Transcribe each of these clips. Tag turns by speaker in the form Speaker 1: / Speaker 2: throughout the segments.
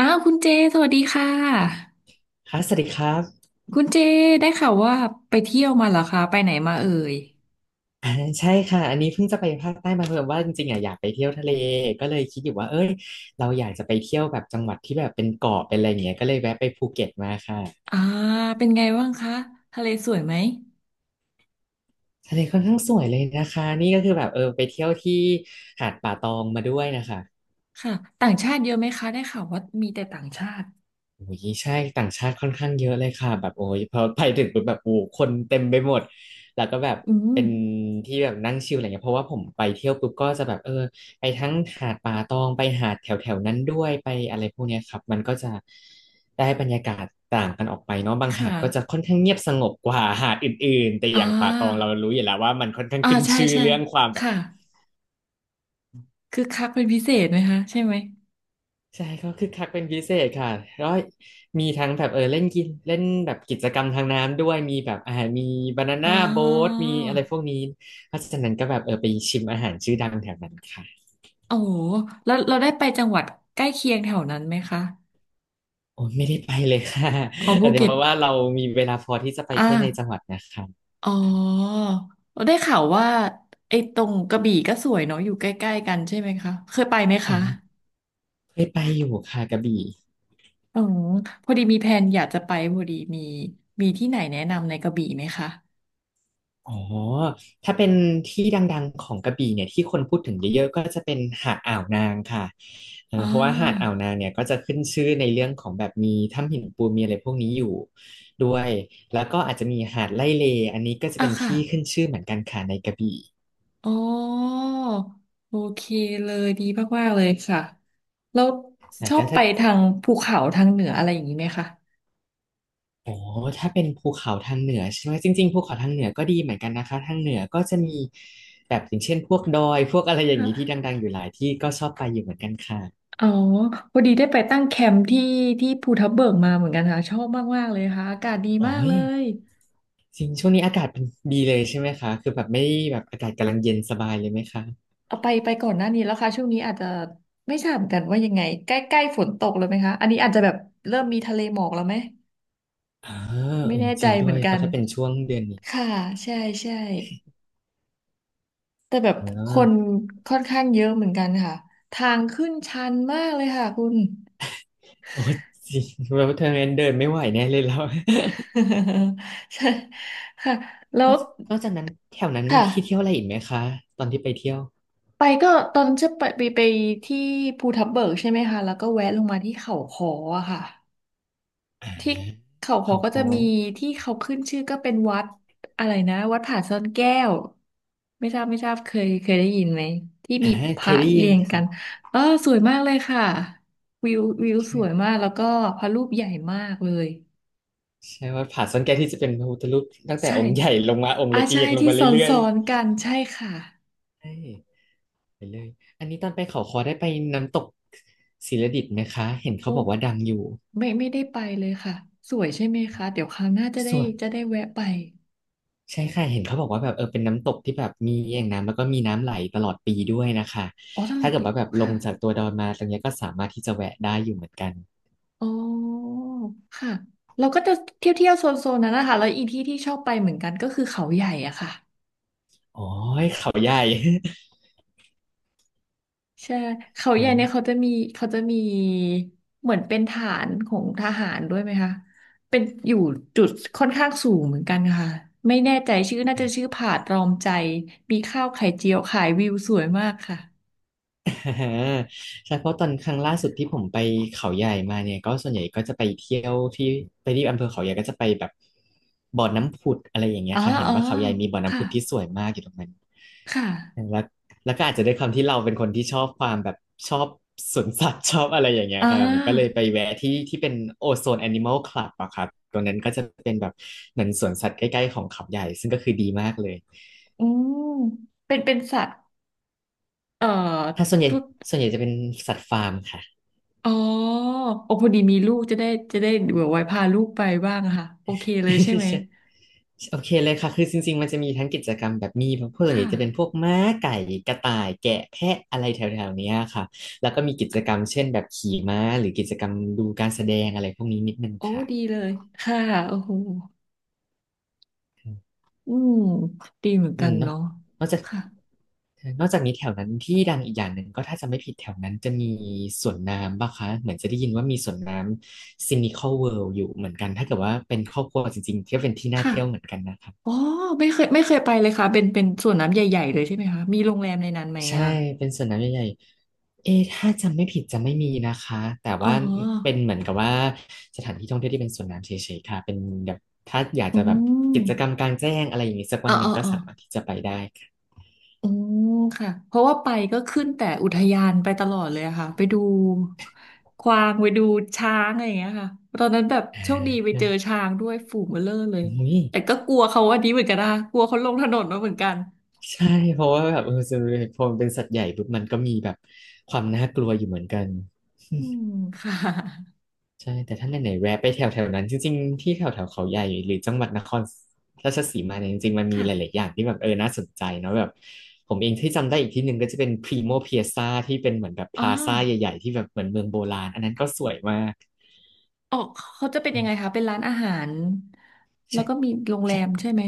Speaker 1: อ้าวคุณเจสวัสดีค่ะ
Speaker 2: ค่ะสวัสดีครับ
Speaker 1: คุณเจได้ข่าวว่าไปเที่ยวมาเหรอคะไปไหนมาเอ่ย
Speaker 2: อ่าใช่ค่ะอันนี้เพิ่งจะไปภาคใต้มาเพิ่มว่าจริงๆอ่ะอยากไปเที่ยวทะเลก็เลยคิดอยู่ว่าเอ้ยเราอยากจะไปเที่ยวแบบจังหวัดที่แบบเป็นเกาะเป็นอะไรอย่างเงี้ยก็เลยแวะไปภูเก็ตมาค่ะ
Speaker 1: อ่าเป็นไงบ้างคะทะเลสวยไหม
Speaker 2: ทะเลค่อนข้างสวยเลยนะคะนี่ก็คือแบบไปเที่ยวที่หาดป่าตองมาด้วยนะคะ
Speaker 1: ค่ะต่างชาติเยอะไหมคะได้ข่าวว่ามีแต่ต่างชาติ
Speaker 2: โอ้ยใช่ต่างชาติค่อนข้างเยอะเลยค่ะแบบโอ้ยพอไปถึงปุ๊บแบบโอ้คนเต็มไปหมดแล้วก็แบบ
Speaker 1: อืม
Speaker 2: เป็นที่แบบนั่งชิลอะไรเงี้ยเพราะว่าผมไปเที่ยวปุ๊บก็จะแบบไปทั้งหาดป่าตองไปหาดแถวแถวนั้นด้วยไปอะไรพวกเนี้ยครับมันก็จะได้บรรยากาศต่างกันออกไปเนาะบาง
Speaker 1: ค
Speaker 2: หาดก็จะ
Speaker 1: ่ะ
Speaker 2: ค่อนข้างเงียบสงบกว่าหาดอื่นๆแต่
Speaker 1: อ่
Speaker 2: อย่างป่าตองเรา
Speaker 1: า
Speaker 2: รู้อยู่แล้วว่ามันค่อนข้าง
Speaker 1: อ่า
Speaker 2: ขึ้น
Speaker 1: ใช่
Speaker 2: ชื่อ
Speaker 1: ใช่
Speaker 2: เรื่องความแบบ
Speaker 1: ค่ะคือคักเป็นพิเศษไหมคะใช่ไหม
Speaker 2: ใช่ก็คึกคักเป็นพิเศษค่ะแล้วมีทั้งแบบเล่นกินเล่นแบบกิจกรรมทางน้ำด้วยมีแบบอาหารมีบานา
Speaker 1: อ๋อ
Speaker 2: น่าโบ๊ทมีอะไรพวกนี้เพราะฉะนั้นก็แบบไปชิมอาหารชื่อดังแถวนั้นค่ะ
Speaker 1: โอ้โหแล้วเราได้ไปจังหวัดใกล้เคียงแถวนั้นไหมคะ
Speaker 2: โอ้ยไม่ได้ไปเลยค่ะ
Speaker 1: อ๋อ ภู
Speaker 2: แต่เดี๋ยว
Speaker 1: เก็
Speaker 2: เพ
Speaker 1: ต
Speaker 2: ราะว่าเรามีเวลาพอที่จะไป
Speaker 1: อ่า
Speaker 2: แค่ในจังหวัดนะคะ
Speaker 1: อ๋อได้ข่าวว่าไอ้ตรงกระบี่ก็สวยเนาะอยู่ใกล้ๆกันใช่ไหมคะเคยไปไหม
Speaker 2: โอ้
Speaker 1: คะ
Speaker 2: ยเคยไปอยู่ค่ะกระบี่
Speaker 1: อืมพอดีมีแผนอยากจะไปพอดีมีมีที่ไหนแนะนำในกระบี่ไหมคะ
Speaker 2: อ๋อ ถ้าเป็นที่ดังๆของกระบี่เนี่ยที่คนพูดถึงเยอะๆก็จะเป็นหาดอ่าวนางค่ะ
Speaker 1: อ่
Speaker 2: เพราะว่าหาดอ่า
Speaker 1: า
Speaker 2: วนางเนี่ยก็จะขึ้นชื่อในเรื่องของแบบมีถ้ำหินปูนมีอะไรพวกนี้อยู่ด้วย แล้วก็อาจจะมีหาดไร่เลอันนี้ก็จะ
Speaker 1: อ่ะ
Speaker 2: เป็น
Speaker 1: ค่ะ
Speaker 2: ที่ขึ้นชื่อเหมือนกันค่ะในกระบี่
Speaker 1: อ๋อโอเคเลยดีมากๆเลยค่ะแล้ว
Speaker 2: อ่ะ
Speaker 1: ชอ
Speaker 2: ก็
Speaker 1: บไป
Speaker 2: ถ้า
Speaker 1: ทางภูเขาทางเหนืออะไรอย่างนี้ไหมคะ
Speaker 2: โอ้ถ้าเป็นภูเขาทางเหนือใช่ไหม จริงๆภูเขาทางเหนือก็ดีเหมือนกันนะคะ ทางเหนือก็จะมีแบบอย่างเช่นพวกดอยพวกอะไรอย่างนี้ที่
Speaker 1: ค่ะ
Speaker 2: ดังๆอยู่หลายที่ก็ชอบไปอยู่เหมือนกันค่ะ
Speaker 1: อ๋อพอดีได้ไปตั้งแคมป์ที่ภูทับเบิกมาเหมือนกันค่ะชอบมากๆเลยค่ะอากาศดี
Speaker 2: โอ้
Speaker 1: มากเล
Speaker 2: ย
Speaker 1: ย
Speaker 2: จริงช่วงนี้อากาศเป็นดีเลยใช่ไหมคะ คือแบบไม่แบบอากาศกำลังเย็นสบายเลยไหมคะ
Speaker 1: เอาไปก่อนหน้านี้แล้วค่ะช่วงนี้อาจจะไม่ทราบเหมือนกันว่ายังไงใกล้ใกล้ฝนตกแล้วไหมคะอันนี้อาจจะแบบเริ่มมีทะเลหมอกแล้วไหม
Speaker 2: อ่าเออ
Speaker 1: ไม่แน่
Speaker 2: จ
Speaker 1: ใจ
Speaker 2: ริง
Speaker 1: เห
Speaker 2: ด้
Speaker 1: มื
Speaker 2: ว
Speaker 1: อ
Speaker 2: ย
Speaker 1: น
Speaker 2: เพ
Speaker 1: กัน
Speaker 2: ราะถ้าเป็นช่วงเดือนนี้
Speaker 1: ค่ะใช่ใช่แต่แบบ
Speaker 2: อ่
Speaker 1: คน
Speaker 2: า
Speaker 1: ค่อนข้างเยอะเหมือนกันค่ะทางขึ้นชันมากเลยค่ะคุณ
Speaker 2: โอ้จริง แล้วเธอนั้นเดินไม่ไหวแน่เลยแล้ว
Speaker 1: ใช่ค่ะแล้
Speaker 2: น
Speaker 1: ว
Speaker 2: อกนอกจากนั้นแถวนั้นมี
Speaker 1: ค่ะ
Speaker 2: ที่เที่ยวอะไรอีกไหมคะตอนที่ไปเที่ยว
Speaker 1: ไปก็ตอนจะไปที่ภูทับเบิกใช่ไหมคะแล้วก็แวะลงมาที่เขาขออะค่ะ
Speaker 2: อ่า
Speaker 1: เขา
Speaker 2: เขา
Speaker 1: ก็จะ
Speaker 2: โค้
Speaker 1: มี
Speaker 2: ง
Speaker 1: ที่เขาขึ้นชื่อก็เป็นวัดอะไรนะวัดผาซ่อนแก้วไม่ทราบเคยได้ยินไหมที่
Speaker 2: อ่า
Speaker 1: มีพ
Speaker 2: เค
Speaker 1: ระ
Speaker 2: ยได้ยิ
Speaker 1: เรี
Speaker 2: น
Speaker 1: ยงกัน
Speaker 2: ค่ะ
Speaker 1: เออสวยมากเลยค่ะวิววิวสวย
Speaker 2: ใช่
Speaker 1: มากแล้วก็พระรูปใหญ่มากเลย
Speaker 2: ใช่ว่าผาซ่อนแก้วที่จะเป็นพระพุทธรูปตั้งแต่
Speaker 1: ใช่
Speaker 2: องค์ใหญ่ลงมาองค์
Speaker 1: อา
Speaker 2: เล็กเรี
Speaker 1: ใช่
Speaker 2: ยงลง
Speaker 1: ที่
Speaker 2: มา
Speaker 1: ซ้อน
Speaker 2: เรื่อ
Speaker 1: ซ้
Speaker 2: ย
Speaker 1: อนกันใช่ค่ะ
Speaker 2: ๆใช่ ไปเลยอันนี้ตอนไปเขาคอได้ไปน้ำตกศิลดิษฐ์ไหมคะ เห็นเขา
Speaker 1: โอ้
Speaker 2: บอกว่าดังอยู่
Speaker 1: ไม่ได้ไปเลยค่ะสวยใช่ไหมคะเดี๋ยวครั้งหน้าจะได้
Speaker 2: ส่วน
Speaker 1: จะได้แวะไป
Speaker 2: ใช่ค่ะ เห็นเขาบอกว่าแบบเป็นน้ำตกที่แบบมีแอ่งน้ำแล้วก็มีน้ำไหลตลอดปีด้วยนะคะ
Speaker 1: อ๋อตลอ
Speaker 2: ถ้า
Speaker 1: ด
Speaker 2: เกิด
Speaker 1: ปิด
Speaker 2: ว่าแบบล
Speaker 1: ค่ะ
Speaker 2: งจากตัวดอยมาตรงเนี้ยก็สามารถที่จะแวะได้อยู่เหมือนกัน
Speaker 1: อ๋อค่ะเราก็จะเที่ยวโซนนั้นนะคะแล้วอีกที่ที่ชอบไปเหมือนกันก็คือเขาใหญ่อะค่ะ
Speaker 2: อ๋อยเขาใหญ่
Speaker 1: ใช่เขา
Speaker 2: เอ
Speaker 1: ใหญ่เนี่ยเขา
Speaker 2: อ
Speaker 1: จะมีเขาจะมีเหมือนเป็นฐานของทหารด้วยไหมคะเป็นอยู่จุดค่อนข้างสูงเหมือนกันค่ะไม่แน่ใจชื่อน่าจะชื่อผาดรอมใจมีข้าวไข่เจียวขายวิวสวยมากค่ะ
Speaker 2: อ่าใช่เพราะตอนครั้งล่าสุดที่ผมไปเขาใหญ่มาเนี่ยก็ส่วนใหญ่ก็จะไปเที่ยวที่ไปที่อำเภอเขาใหญ่ก็จะไปแบบบ่อน้ำผุดอะไรอย่างเงี้
Speaker 1: อ๋
Speaker 2: ย
Speaker 1: อ
Speaker 2: ค่ะเห็น
Speaker 1: อ๋อ
Speaker 2: ว่าเขาใหญ่มีบ่อน้ำ
Speaker 1: ค่ะ
Speaker 2: ผุดที่สวยมากอยู่ตรงนั้น
Speaker 1: ค่ะ
Speaker 2: แล้วแล้วก็อาจจะด้วยความที่เราเป็นคนที่ชอบความแบบชอบสวนสัตว์ชอบอะไรอย่างเงี้ย
Speaker 1: อ่
Speaker 2: ค่ะผมก็เลย
Speaker 1: า
Speaker 2: ไปแวะที่ที่เป็นโอโซนแอนิมอลคลับอะครับตรงนั้นก็จะเป็นแบบเหมือนสวนสัตว์ใกล้ๆของเขาใหญ่ซึ่งก็คือดีมากเลย
Speaker 1: อืมเป็นสัตว์เอ่อ
Speaker 2: ถ้าส่วนใหญ่จะเป็นสัตว์ฟาร์มค่ะ
Speaker 1: อ๋อโอ้พอดีมีลูกจะได้เบื่อไว้พาลูกไปบ้างอะค่ะโอเคเลยใช่ไหม
Speaker 2: ใช่โอเคเลยค่ะ คือจริงๆ มันจะมีทั้งกิจกรรมแบบมีพวกส่วนให
Speaker 1: ค่ะ
Speaker 2: ญ่จะเป็นพวกม้าไก่กระต่ายแกะแพะอะไรแถวๆเนี้ยค่ะแล้วก็มีกิจกรรมเช่นแบบขี่ม้าหรือกิจกรรมดูการแสดงอะไรพวกนี้นิดนึง
Speaker 1: โอ้
Speaker 2: ค่ะ
Speaker 1: ดีเลยค่ะโอ้โหอืมดีเหมือน
Speaker 2: อื
Speaker 1: กัน
Speaker 2: มเนาะ
Speaker 1: เนาะ
Speaker 2: นอกจาก
Speaker 1: ค่ะ
Speaker 2: นอกจากนี้แถวนั้นที่ดังอีกอย่างหนึ่งก็ถ้าจะไม่ผิดแถวนั้นจะมีสวนน้ำป่ะคะเหมือนจะได้ยินว่ามีสวนน้ำซินิคอลเวิลด์อยู่เหมือนกันถ้าเกิดว่าเป็นครอบครัวจริงๆก็เป็นที่น่า
Speaker 1: ค่ะ
Speaker 2: เที่ยวเหมือนกันนะ
Speaker 1: อ๋อ
Speaker 2: คะ
Speaker 1: ไม่เคยไปเลยค่ะเป็นสวนน้ำใหญ่ๆเลยใช่ไหมคะมีโรงแรมในนั้นไหม
Speaker 2: ใช่
Speaker 1: อ่ะ
Speaker 2: เป็นสวนน้ำใหญ่ๆเอ๊ะถ้าจำไม่ผิดจะไม่มีนะคะแต่
Speaker 1: อ๋อ
Speaker 2: ว่าเป็นเหมือนกับว่าสถานที่ท่องเที่ยวที่เป็นสวนน้ำเฉยๆค่ะเป็นแบบถ้าอยาก
Speaker 1: อื
Speaker 2: จะแบบ
Speaker 1: ม
Speaker 2: กิจกรรมกลางแจ้งอะไรอย่างนี้สัก
Speaker 1: อ๋
Speaker 2: วั
Speaker 1: อ
Speaker 2: นหนึ่งก็
Speaker 1: อ๋อ
Speaker 2: สามารถที่จะไปได้ค่ะ
Speaker 1: อืมค่ะเพราะว่าไปก็ขึ้นแต่อุทยานไปตลอดเลยอะค่ะไปดูกวางไปดูช้างอะไรอย่างเงี้ยค่ะตอนนั้นแบบ
Speaker 2: อ่
Speaker 1: โชค
Speaker 2: า
Speaker 1: ดีไปเจอช้างด้วยฝูงเบ้อเร่อเลย
Speaker 2: อุ้ย
Speaker 1: แต่ก็กลัวเขาอันนี้เหมือนกันนะคะกลัวเขาลงถนนมาเหมือนกัน
Speaker 2: ใช่เพราะว่าแบบพอมันเป็นสัตว์ใหญ่ปุ๊บมันก็มีแบบความน่ากลัวอยู่เหมือนกัน
Speaker 1: อืมค่ะ
Speaker 2: ใช่แต่ถ้าไหนๆแวะไปแถวแถวนั้นจริงๆที่แถวแถวเขาใหญ่หรือจังหวัดนครราชสีมาเนี่ยจริงๆมันมีหลาย
Speaker 1: ค่ะ
Speaker 2: ๆอย่างที่แบบน่าสนใจเนาะแบบผมเองที่จำได้อีกที่หนึ่งก็จะเป็นพรีโมเพียซาที่เป็นเหมือนแบบพ
Speaker 1: อ๋อ
Speaker 2: ลาซ่าใหญ่ๆที่แบบเหมือนเมืองโบราณอันนั้นก็สวยมาก
Speaker 1: ออกเขาจะเป็น
Speaker 2: อื
Speaker 1: ยังไง
Speaker 2: ม
Speaker 1: คะเป็นร้านอาหารแล้
Speaker 2: ใช่
Speaker 1: วก็มีโรงแร
Speaker 2: ใช่
Speaker 1: มใช่ไหม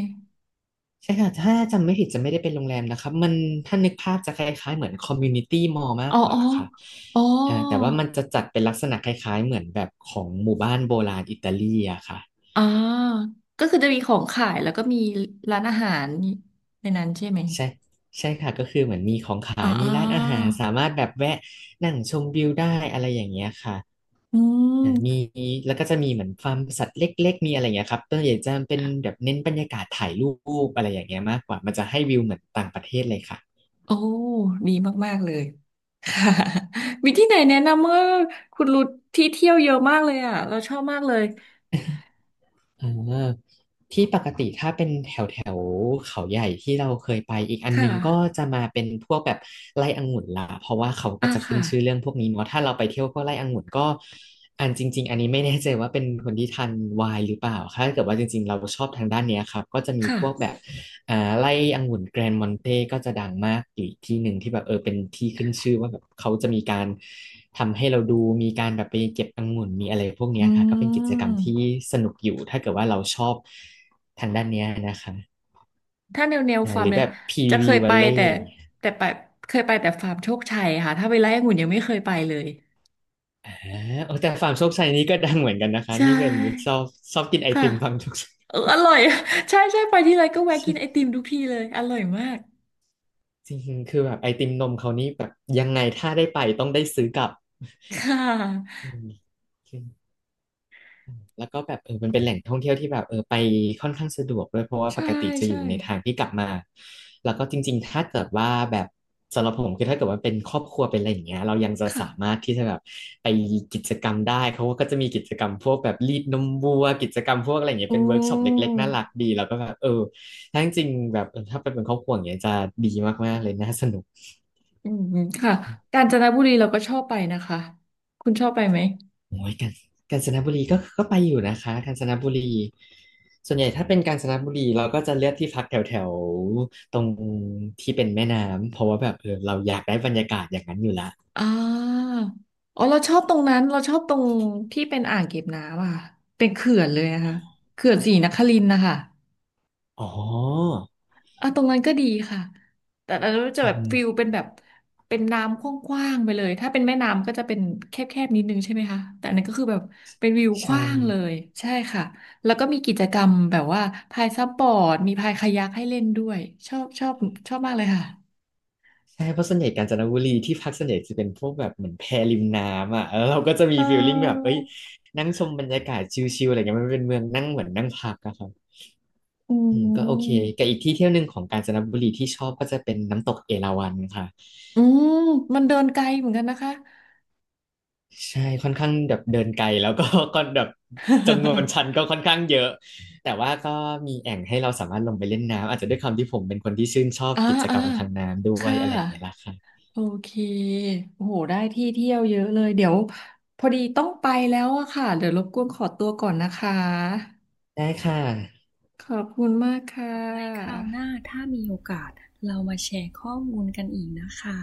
Speaker 2: ใช่ค่ะถ้าจำไม่ผิดจะไม่ได้เป็นโรงแรมนะครับมันถ้านึกภาพจะคล้ายๆเหมือนคอมมูนิตี้มอลล์มา
Speaker 1: อ๋
Speaker 2: ก
Speaker 1: อ
Speaker 2: ก
Speaker 1: อ๋
Speaker 2: ว่า
Speaker 1: อ
Speaker 2: ค่ะ
Speaker 1: อ๋อ
Speaker 2: แต่ว่ามันจะจัดเป็นลักษณะคล้ายๆเหมือนแบบของหมู่บ้านโบราณอิตาลีอะค่ะ
Speaker 1: อ่าก็คือจะมีของขายแล้วก็มีร้านอาหารในนั้นใช่ไหม
Speaker 2: ใช่ใช่ค่ะก็คือเหมือนมีของขา
Speaker 1: อ่า
Speaker 2: ย
Speaker 1: อ่
Speaker 2: มีร้านอาหาร
Speaker 1: า
Speaker 2: สามารถแบบแวะนั่งชมวิวได้อะไรอย่างเงี้ยค่ะ
Speaker 1: อื
Speaker 2: เออมี
Speaker 1: ม
Speaker 2: แล้วก็จะมีเหมือนฟาร์มสัตว์เล็กๆมีอะไรอย่างเงี้ยครับตัวใหญ่จะเป็นแบบเน้นบรรยากาศถ่ายรูปอะไรอย่างเงี้ยมากกว่ามันจะให้วิวเหมือนต่างประเทศเลยค่ะ
Speaker 1: โอ้ดีมากๆเลย ค่ะ มีที่ไหนแนะนำเมื่อคุณรุดที่เที่ยวเยอะมากเลยอ่ะเราชอบมากเลย
Speaker 2: อ่าที่ปกติถ้าเป็นแถวแถวเขาใหญ่ที่เราเคยไปอีกอัน
Speaker 1: ค่ะ
Speaker 2: นึงก็จะมาเป็นพวกแบบไร่องุ่นละเพราะว่าเขาก็จะขึ้
Speaker 1: ค่ะ
Speaker 2: นชื่อเรื่องพวกนี้เนาะถ้าเราไปเที่ยวพวกไร่องุ่นก็อันจริงๆอันนี้ไม่แน่ใจว่าเป็นคนที่ทานไวน์หรือเปล่าถ้าเกิดว่าจริงๆเราชอบทางด้านเนี้ยครับก็จะมี
Speaker 1: ค่ะ
Speaker 2: พวกแบบ อ่าไร่องุ่นแกรนด์มอนเต้ก็จะดังมากอยู่อีกที่หนึ่งที่แบบเป็นที่ขึ้นชื่อว่าแบบเขาจะมีการทำให้เราดูมีการแบบไปเก็บองุ่นมีอะไรพวก
Speaker 1: อื
Speaker 2: เนี้ยค่ะก็เป็นกิจกรรมที่
Speaker 1: ม
Speaker 2: สนุกอยู่ถ้าเกิดว่าเราชอบทางด้านเนี้ยนะคะ
Speaker 1: ถ้าแนว
Speaker 2: อ่า
Speaker 1: ฟาร์
Speaker 2: ห
Speaker 1: ม
Speaker 2: รือ
Speaker 1: เนี่
Speaker 2: แบ
Speaker 1: ย
Speaker 2: บ
Speaker 1: จะเค
Speaker 2: PB
Speaker 1: ยไป
Speaker 2: วัลเล่
Speaker 1: แต่แต่ไปเคยไปแต่ฟาร์มโชคชัยค่ะถ้าไปไร่องุ่นยังไม่เคยไปเลย
Speaker 2: อ่าโอ้แต่ฟาร์มโชคชัยนี้ก็ดังเหมือนกันนะคะ
Speaker 1: ใช
Speaker 2: นี่เป็นชอ
Speaker 1: ่
Speaker 2: บชอบกินไอ
Speaker 1: ค่ะ
Speaker 2: ติมฟาร์มโชคชัย
Speaker 1: เอออร่อย ใช่ใช่ไปที่ไรก็แวะกินไอ
Speaker 2: ใช่
Speaker 1: ติมทุกทีเลย อร่อยมาก
Speaker 2: จริงๆคือแบบไอติมนมเขานี่แบบยังไงถ้าได้ไปต้องได้ซื้อกลับ
Speaker 1: ค่ะ
Speaker 2: อืม แล้วก็แบบมันเป็นแหล่งท่องเที่ยวที่แบบไปค่อนข้างสะดวกด้วยเพราะว่าป
Speaker 1: ใช่
Speaker 2: กติจะอ
Speaker 1: ใช่
Speaker 2: ยู่ในทางที่กลับมาแล้วก็จริงๆถ้าเกิดว่าแบบสำหรับผมคือถ้าเกิดว่าเป็นครอบครัวเป็นอะไรอย่างเงี้ยเรายังจะสามาร
Speaker 1: ค่ะ
Speaker 2: ถที่จะแบบไปกิจกรรมได้เขาก็จะมีกิจกรรมพวกแบบรีดนมวัวกิจกรรมพวกอะไรอย่างเงี้
Speaker 1: อื
Speaker 2: ยเป็นเวิร์กช็อปเล็กๆน่ารัก
Speaker 1: ม
Speaker 2: ดีแล้วก็แบบถ้าจริงๆแบบถ้าไปเป็นครอบครัวอย่างเงี้ยจะดีมากๆเลยน่าสนุก
Speaker 1: อืมอืมค่ะกาญจนบุรีเราก็ชอบไปนะคะ คุณชอบไปไหม
Speaker 2: โอ้ยกาญจนบุรีก็ไปอยู่นะคะกาญจนบุรีส่วนใหญ่ถ้าเป็นกาญจนบุรีเราก็จะเลือกที่พักแถวแถวตรงที่เป็นแม่น้ำเพราะว่าแบบเราอยากได้บรรยากาศอย่างนั้นอยู่ละ
Speaker 1: อ่าอ๋อเราชอบตรงนั้น เราชอบตรงที่เป็นอ่างเก็บน้ำอะค่ะเป็นเขื่อนเลยนะคะเขื่อนศรีนครินทร์นะคะ
Speaker 2: อ๋อ
Speaker 1: อ่ะตรงนั้นก็ดีค่ะแต่อันนั้น
Speaker 2: จ
Speaker 1: จะ
Speaker 2: ริ
Speaker 1: แบบ
Speaker 2: ง
Speaker 1: ฟิลเป็นแบบเป็นน้ำกว้างๆไปเลยถ้าเป็นแม่น้ำก็จะเป็นแคบๆนิดนึงใช่ไหมคะแต่อันนั้นก็คือแบบเป็นวิวก
Speaker 2: ใช่
Speaker 1: ว้างเลยใช่ค่ะแล้วก็มีกิจกรรมแบบว่าพายซับบอร์ดมีพายคายักให้เล่นด้วยชอบชอบมากเลยค่ะ
Speaker 2: ใช่เพราะส่วนใหญ่กาญจนบุรีที่พักส่วนใหญ่จะเป็นพวกแบบเหมือนแพริมน้ำอ่ะแล้วเราก็จะมี
Speaker 1: เ
Speaker 2: ฟีลลิ่งแบบ
Speaker 1: ออ
Speaker 2: เอ้ยนั่งชมบรรยากาศชิลๆอะไรเงี้ยมันเป็นเมืองนั่งเหมือนนั่งพักอะครับ
Speaker 1: อื
Speaker 2: อืมก็โอเค
Speaker 1: ม
Speaker 2: กับอีกที่เที่ยวหนึ่งของกาญจนบุรีที่ชอบก็จะเป็นน้ำตกเอราวัณค่ะ
Speaker 1: อืมมันเดินไกลเหมือนกันนะคะ
Speaker 2: ใช่ค่อนข้างแบบเดินไกลแล้วก็ ก็แบบจำนวนชั้นก็ค่อนข้างเยอะแต่ว่าก็มีแอ่งให้เราสามารถลงไปเล่นน้ำอาจจะด้วยความที่ผมเป็นคนที่ชื่นชอบ
Speaker 1: อ่า
Speaker 2: กิจก
Speaker 1: อ่า
Speaker 2: รรมทางน้ำด้วย
Speaker 1: ค่ะ
Speaker 2: อะไรอย่างเงี้ยล่ะค่ะ
Speaker 1: โอเคโอ้โห ได้ที่เที่ยวเยอะเลย เดี๋ยวพอดีต้องไปแล้วอะค่ะ เดี๋ยวรบกวนขอตัวก่อนนะคะ
Speaker 2: ได้ค่ะ
Speaker 1: ขอบคุณมากค่ะไว้คราวหน้าถ้ามีโอกาสเรามาแชร์ข้อมูลกันอีกนะคะ